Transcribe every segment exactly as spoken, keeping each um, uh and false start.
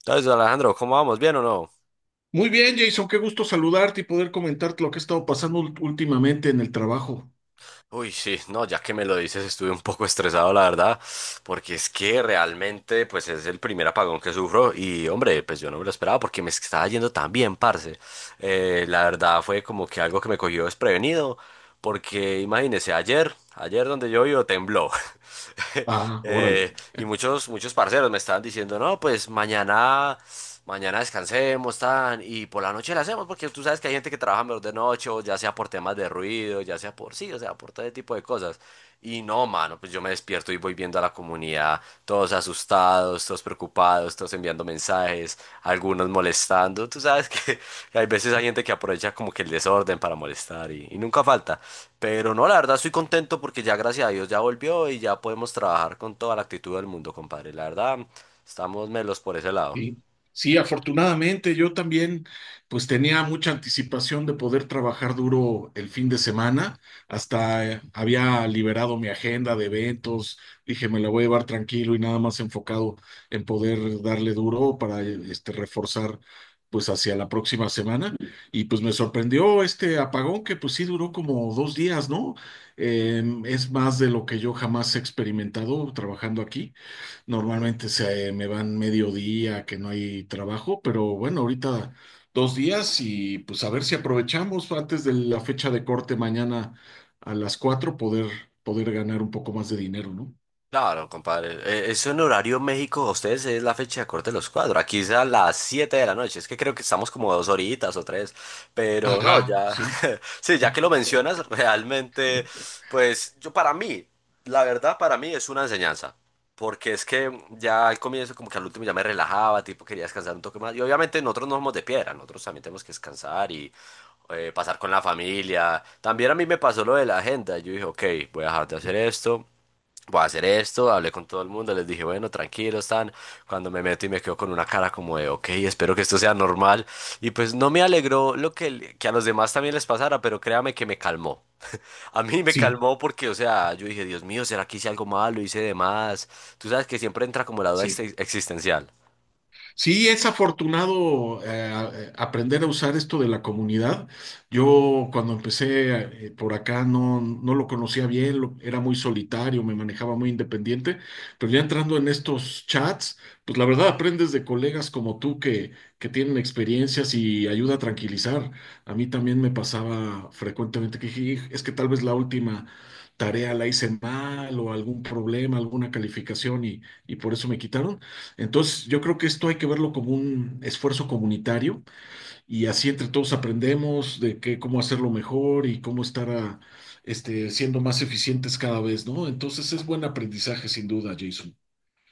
Entonces, Alejandro, ¿cómo vamos? ¿Bien o no? Muy bien, Jason, qué gusto saludarte y poder comentarte lo que ha estado pasando ult- últimamente en el trabajo. Uy, sí, no, ya que me lo dices, estuve un poco estresado, la verdad, porque es que realmente, pues es el primer apagón que sufro y, hombre, pues yo no me lo esperaba porque me estaba yendo tan bien, parce. Eh, la verdad fue como que algo que me cogió desprevenido porque imagínese, ayer, ayer donde yo vivo tembló. Ah, órale. Eh, y muchos, muchos parceros me estaban diciendo, no, pues mañana, mañana descansemos, tan, y por la noche la hacemos, porque tú sabes que hay gente que trabaja mejor de noche, o ya sea por temas de ruido, ya sea por sí, o sea, por todo ese tipo de cosas. Y no, mano, pues pues yo me despierto y voy viendo a la comunidad, todos asustados, todos preocupados, todos enviando mensajes, algunos molestando. Tú sabes que, que hay veces hay gente que aprovecha como que el desorden para molestar y, y nunca falta. Pero no, la verdad estoy contento porque ya gracias a Dios ya volvió y ya podemos trabajar con toda la actitud del mundo, compadre. La verdad, estamos melos por ese lado. Sí, sí, afortunadamente yo también pues tenía mucha anticipación de poder trabajar duro el fin de semana, hasta eh, había liberado mi agenda de eventos, dije me la voy a llevar tranquilo y nada más enfocado en poder darle duro para eh, este reforzar pues hacia la próxima semana y pues me sorprendió este apagón que pues sí duró como dos días, ¿no? Eh, es más de lo que yo jamás he experimentado trabajando aquí. Normalmente se me van mediodía, que no hay trabajo, pero bueno, ahorita dos días y pues a ver si aprovechamos antes de la fecha de corte mañana a las cuatro poder, poder ganar un poco más de dinero, ¿no? Claro, compadre. eh, Eso en horario México, a ustedes es la fecha de corte de los cuadros. Aquí es a las siete de la noche. Es que creo que estamos como dos horitas o tres. Pero no, Ajá, ya. sí, Sí, ya que lo mencionas, realmente, pues yo para mí, la verdad, para mí es una enseñanza. Porque es que ya al comienzo, como que al último ya me relajaba, tipo, quería descansar un toque más. Y obviamente nosotros no somos de piedra, nosotros también tenemos que descansar y eh, pasar con la familia. También a mí me pasó lo de la agenda. Yo dije, ok, voy a dejar de hacer esto, voy a hacer esto, hablé con todo el mundo, les dije, bueno, tranquilos, están, cuando me meto y me quedo con una cara como de, ok, espero que esto sea normal, y pues no me alegró lo que, que a los demás también les pasara, pero créame que me calmó. A mí me sí, calmó porque, o sea, yo dije, Dios mío, ¿será que hice algo malo? ¿Hice de más? Tú sabes que siempre entra como la duda sí. exi- existencial. Sí, es afortunado eh, aprender a usar esto de la comunidad. Yo cuando empecé eh, por acá no, no lo conocía bien, lo- era muy solitario, me manejaba muy independiente, pero ya entrando en estos chats, pues la verdad aprendes de colegas como tú que, que tienen experiencias y ayuda a tranquilizar. A mí también me pasaba frecuentemente que dije, "Hij, es que tal vez la última tarea la hice mal o algún problema, alguna calificación y, y por eso me quitaron. Entonces, yo creo que esto hay que verlo como un esfuerzo comunitario y así entre todos aprendemos de qué, cómo hacerlo mejor y cómo estar ah, este, siendo más eficientes cada vez, ¿no? Entonces, es buen aprendizaje sin duda, Jason.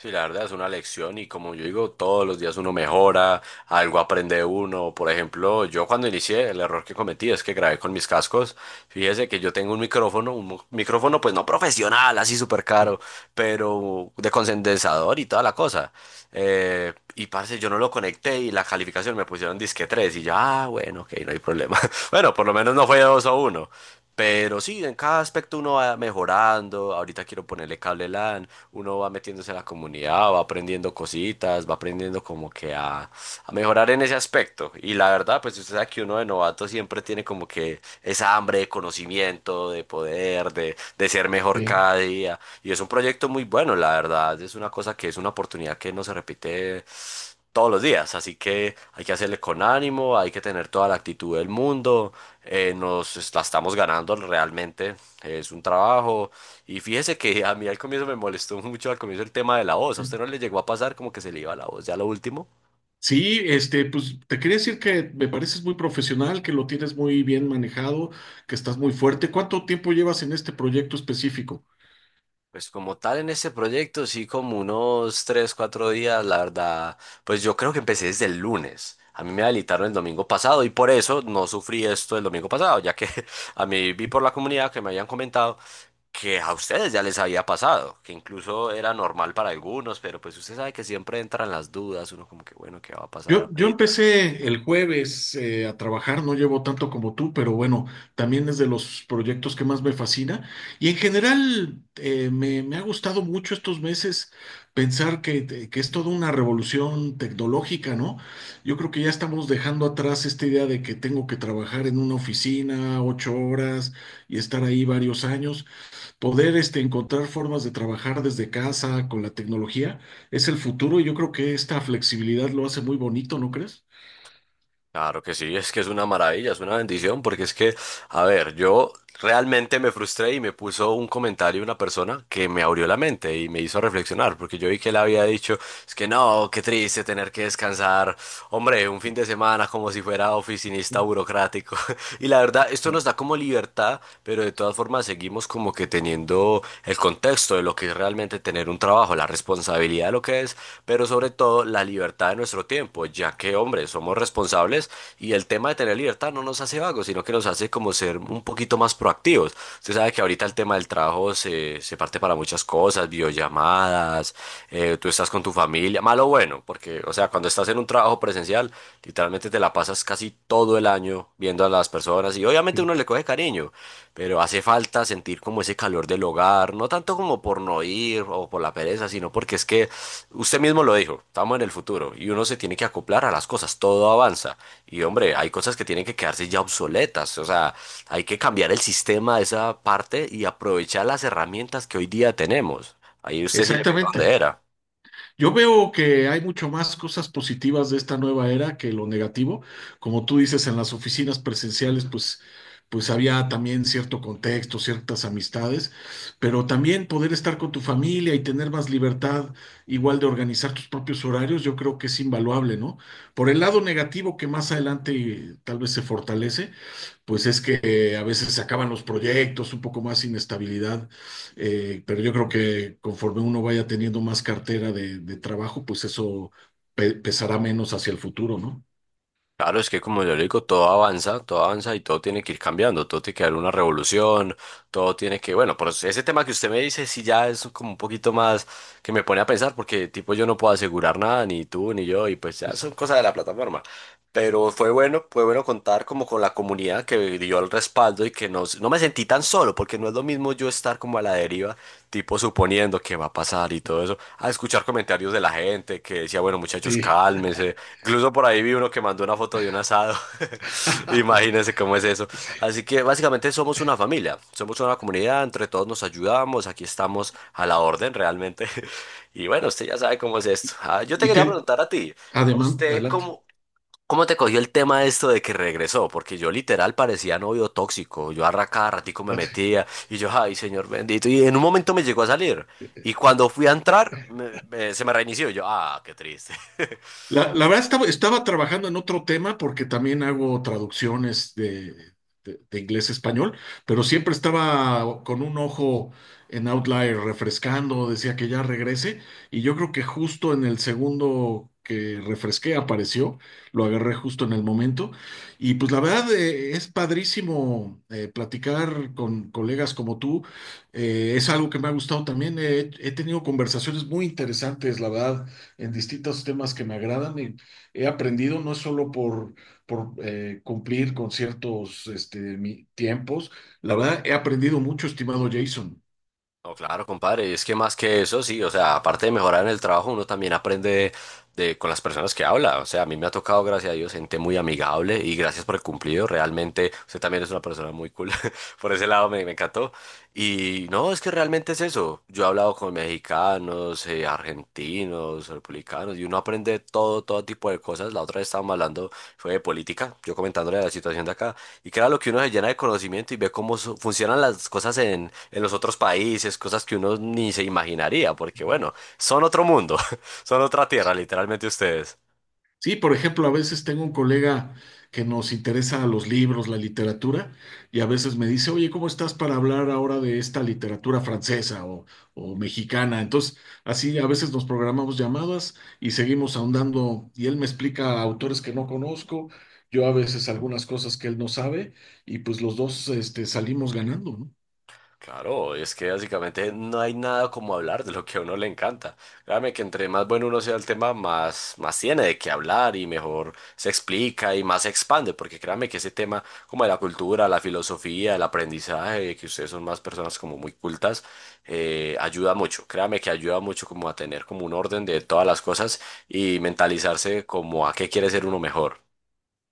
Sí, la verdad es una lección y como yo digo, todos los días uno mejora, algo aprende uno. Por ejemplo, yo cuando inicié, el error que cometí es que grabé con mis cascos. Fíjese que yo tengo un micrófono, un mo- micrófono pues no profesional, así súper Sí, caro, pero de condensador y toda la cosa. Eh, y parce, yo no lo conecté y la calificación me pusieron disque tres y yo, ah, bueno, ok, no hay problema. Bueno, por lo menos no fue dos o uno. Pero sí, en cada aspecto uno va mejorando. Ahorita quiero ponerle cable L A N. Uno va metiéndose a la comunidad, va aprendiendo cositas, va aprendiendo como que a, a mejorar en ese aspecto. Y la verdad, pues usted sabe que uno de novato siempre tiene como que esa hambre de conocimiento, de poder, de, de ser mejor sí, cada día. Y es un proyecto muy bueno, la verdad. Es una cosa que es una oportunidad que no se repite todos los días. Así que hay que hacerle con ánimo, hay que tener toda la actitud del mundo. Eh, nos la estamos ganando realmente, es un trabajo. Y fíjese que a mí al comienzo me molestó mucho al comienzo el tema de la voz. ¿A usted sí. no le llegó a pasar como que se le iba la voz ya lo último? Sí, este, pues te quería decir que me pareces muy profesional, que lo tienes muy bien manejado, que estás muy fuerte. ¿Cuánto tiempo llevas en este proyecto específico? Pues como tal en este proyecto, sí, como unos tres cuatro días, la verdad, pues yo creo que empecé desde el lunes. A mí me habilitaron el domingo pasado y por eso no sufrí esto el domingo pasado, ya que a mí vi por la comunidad que me habían comentado que a ustedes ya les había pasado, que incluso era normal para algunos, pero pues usted sabe que siempre entran las dudas, uno como que bueno, ¿qué va a pasar Yo, yo ahorita? empecé el jueves eh, a trabajar, no llevo tanto como tú, pero bueno, también es de los proyectos que más me fascina. Y en general eh, me, me ha gustado mucho estos meses pensar que, te- que es toda una revolución tecnológica, ¿no? Yo creo que ya estamos dejando atrás esta idea de que tengo que trabajar en una oficina ocho horas y estar ahí varios años. Poder este, encontrar formas de trabajar desde casa con la tecnología es el futuro y yo creo que esta flexibilidad lo hace muy bonito, ¿no crees? Claro que sí, es que es una maravilla, es una bendición, porque es que a ver, yo realmente me frustré y me puso un comentario una persona que me abrió la mente y me hizo reflexionar, porque yo vi que él había dicho, es que no, qué triste tener que descansar, hombre, un fin de semana como si fuera oficinista burocrático. Y la verdad, esto Sí, nos da como libertad, pero de todas formas seguimos como que teniendo el contexto de lo que es realmente tener un trabajo, la responsabilidad de lo que es, pero sobre todo la libertad de nuestro tiempo, ya que, hombre, somos responsables y el tema de tener libertad no nos hace vagos, sino que nos hace como como ser un poquito más proactivos. Usted sabe que ahorita el tema del trabajo se, se parte para muchas cosas, videollamadas, eh, tú estás con tu familia, malo o bueno, porque, o sea, cuando estás en un trabajo presencial, literalmente te la pasas casi todo el año viendo a las personas y obviamente sí. uno le coge cariño, pero hace falta sentir como ese calor del hogar, no tanto como por no ir o por la pereza, sino porque es que usted mismo lo dijo, estamos en el futuro y uno se tiene que acoplar a las cosas, todo avanza y hombre, hay cosas que tienen que quedarse ya obsoletas, o sea, hay que cambiar el sistema de esa parte y aprovechar las herramientas que hoy día tenemos. Ahí usted sí le pegó donde Exactamente. era. Yo veo que hay mucho más cosas positivas de esta nueva era que lo negativo. Como tú dices, en las oficinas presenciales, pues, pues había también cierto contexto, ciertas amistades, pero también poder estar con tu familia y tener más libertad, igual de organizar tus propios horarios, yo creo que es invaluable, ¿no? Por el lado negativo que más adelante eh, tal vez se fortalece, pues es que eh, a veces se acaban los proyectos, un poco más inestabilidad, eh, pero yo creo que conforme uno vaya teniendo más cartera de, de trabajo, pues eso pe- pesará menos hacia el futuro, ¿no? Claro, es que como yo le digo, todo avanza, todo avanza y todo tiene que ir cambiando, todo tiene que haber una revolución, todo tiene que, bueno, por ese tema que usted me dice sí ya es como un poquito más que me pone a pensar porque tipo yo no puedo asegurar nada, ni tú ni yo, y pues ya Eso. son cosas de la plataforma. Pero fue bueno, fue bueno contar como con la comunidad que dio el respaldo y que no, no me sentí tan solo, porque no es lo mismo yo estar como a la deriva, tipo suponiendo qué va a pasar y todo eso, a escuchar comentarios de la gente que decía, bueno, muchachos, Sí. cálmense. Incluso por ahí vi uno que mandó una foto de un asado. Imagínense cómo es eso. Así que básicamente somos una familia, somos una comunidad, entre todos nos ayudamos, aquí estamos a la orden realmente. Y bueno, usted ya sabe cómo es esto. Ah, yo te Y quería te, preguntar a ti, ¿a adelante, usted adelante. cómo, ¿cómo te cogió el tema de esto de que regresó? Porque yo literal parecía novio tóxico. Yo arra cada ratico me Ah, sí. metía y yo, ay, señor bendito. Y en un momento me llegó a salir. Y cuando fui a entrar, me- me- se me reinició. y Yo, ah, qué triste. La, la verdad estaba, estaba trabajando en otro tema porque también hago traducciones de, de- de inglés a español, pero siempre estaba con un ojo en Outlier refrescando, decía que ya regrese y yo creo que justo en el segundo que refresqué apareció, lo agarré justo en el momento y pues la verdad eh, es padrísimo eh, platicar con colegas como tú, eh, es algo que me ha gustado también, he he tenido conversaciones muy interesantes, la verdad en distintos temas que me agradan y he aprendido no es solo por, por eh, cumplir con ciertos este, mi- tiempos, la verdad he aprendido mucho, estimado Jason. No, claro, compadre, y es que más que eso, sí, o sea, aparte de mejorar en el trabajo, uno también aprende de, con las personas que habla, o sea, a mí me ha tocado, gracias a Dios, gente muy amigable y gracias por el cumplido, realmente, usted también es una persona muy cool, por ese lado me, me encantó, y no, es que realmente es eso, yo he hablado con mexicanos, eh, argentinos, republicanos, y uno aprende todo, todo tipo de cosas, la otra vez estábamos hablando, fue de política, yo comentándole la situación de acá, y que era lo que uno se llena de conocimiento y ve cómo su- funcionan las cosas en los otros países, cosas que uno ni se imaginaría, porque bueno, son otro mundo, son otra tierra, literalmente ustedes. Sí, por ejemplo, a veces tengo un colega que nos interesa los libros, la literatura, y a veces me dice, oye, ¿cómo estás para hablar ahora de esta literatura francesa o, o mexicana? Entonces, así a veces nos programamos llamadas y seguimos ahondando, y él me explica autores que no conozco, yo a veces algunas cosas que él no sabe, y pues los dos, este, salimos ganando, ¿no? Claro, es que básicamente no hay nada como hablar de lo que a uno le encanta. Créame que entre más bueno uno sea el tema, más, más tiene de qué hablar y mejor se explica y más se expande, porque créame que ese tema como de la cultura, la filosofía, el aprendizaje, que ustedes son más personas como muy cultas, eh, ayuda mucho. Créame que ayuda mucho como a tener como un orden de todas las cosas y mentalizarse como a qué quiere ser uno mejor.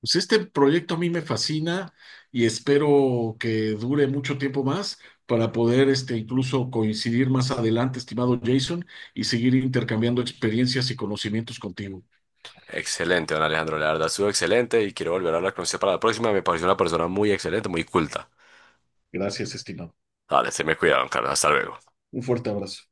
Pues este proyecto a mí me fascina y espero que dure mucho tiempo más para poder este, incluso coincidir más adelante, estimado Jason, y seguir intercambiando experiencias y conocimientos contigo. Excelente, don Alejandro, la verdad estuvo excelente y quiero volver a hablar con usted para la próxima. Me pareció una persona muy excelente, muy culta. Gracias, estimado. Dale, se me cuidaban, Carlos. Hasta luego. Un fuerte abrazo.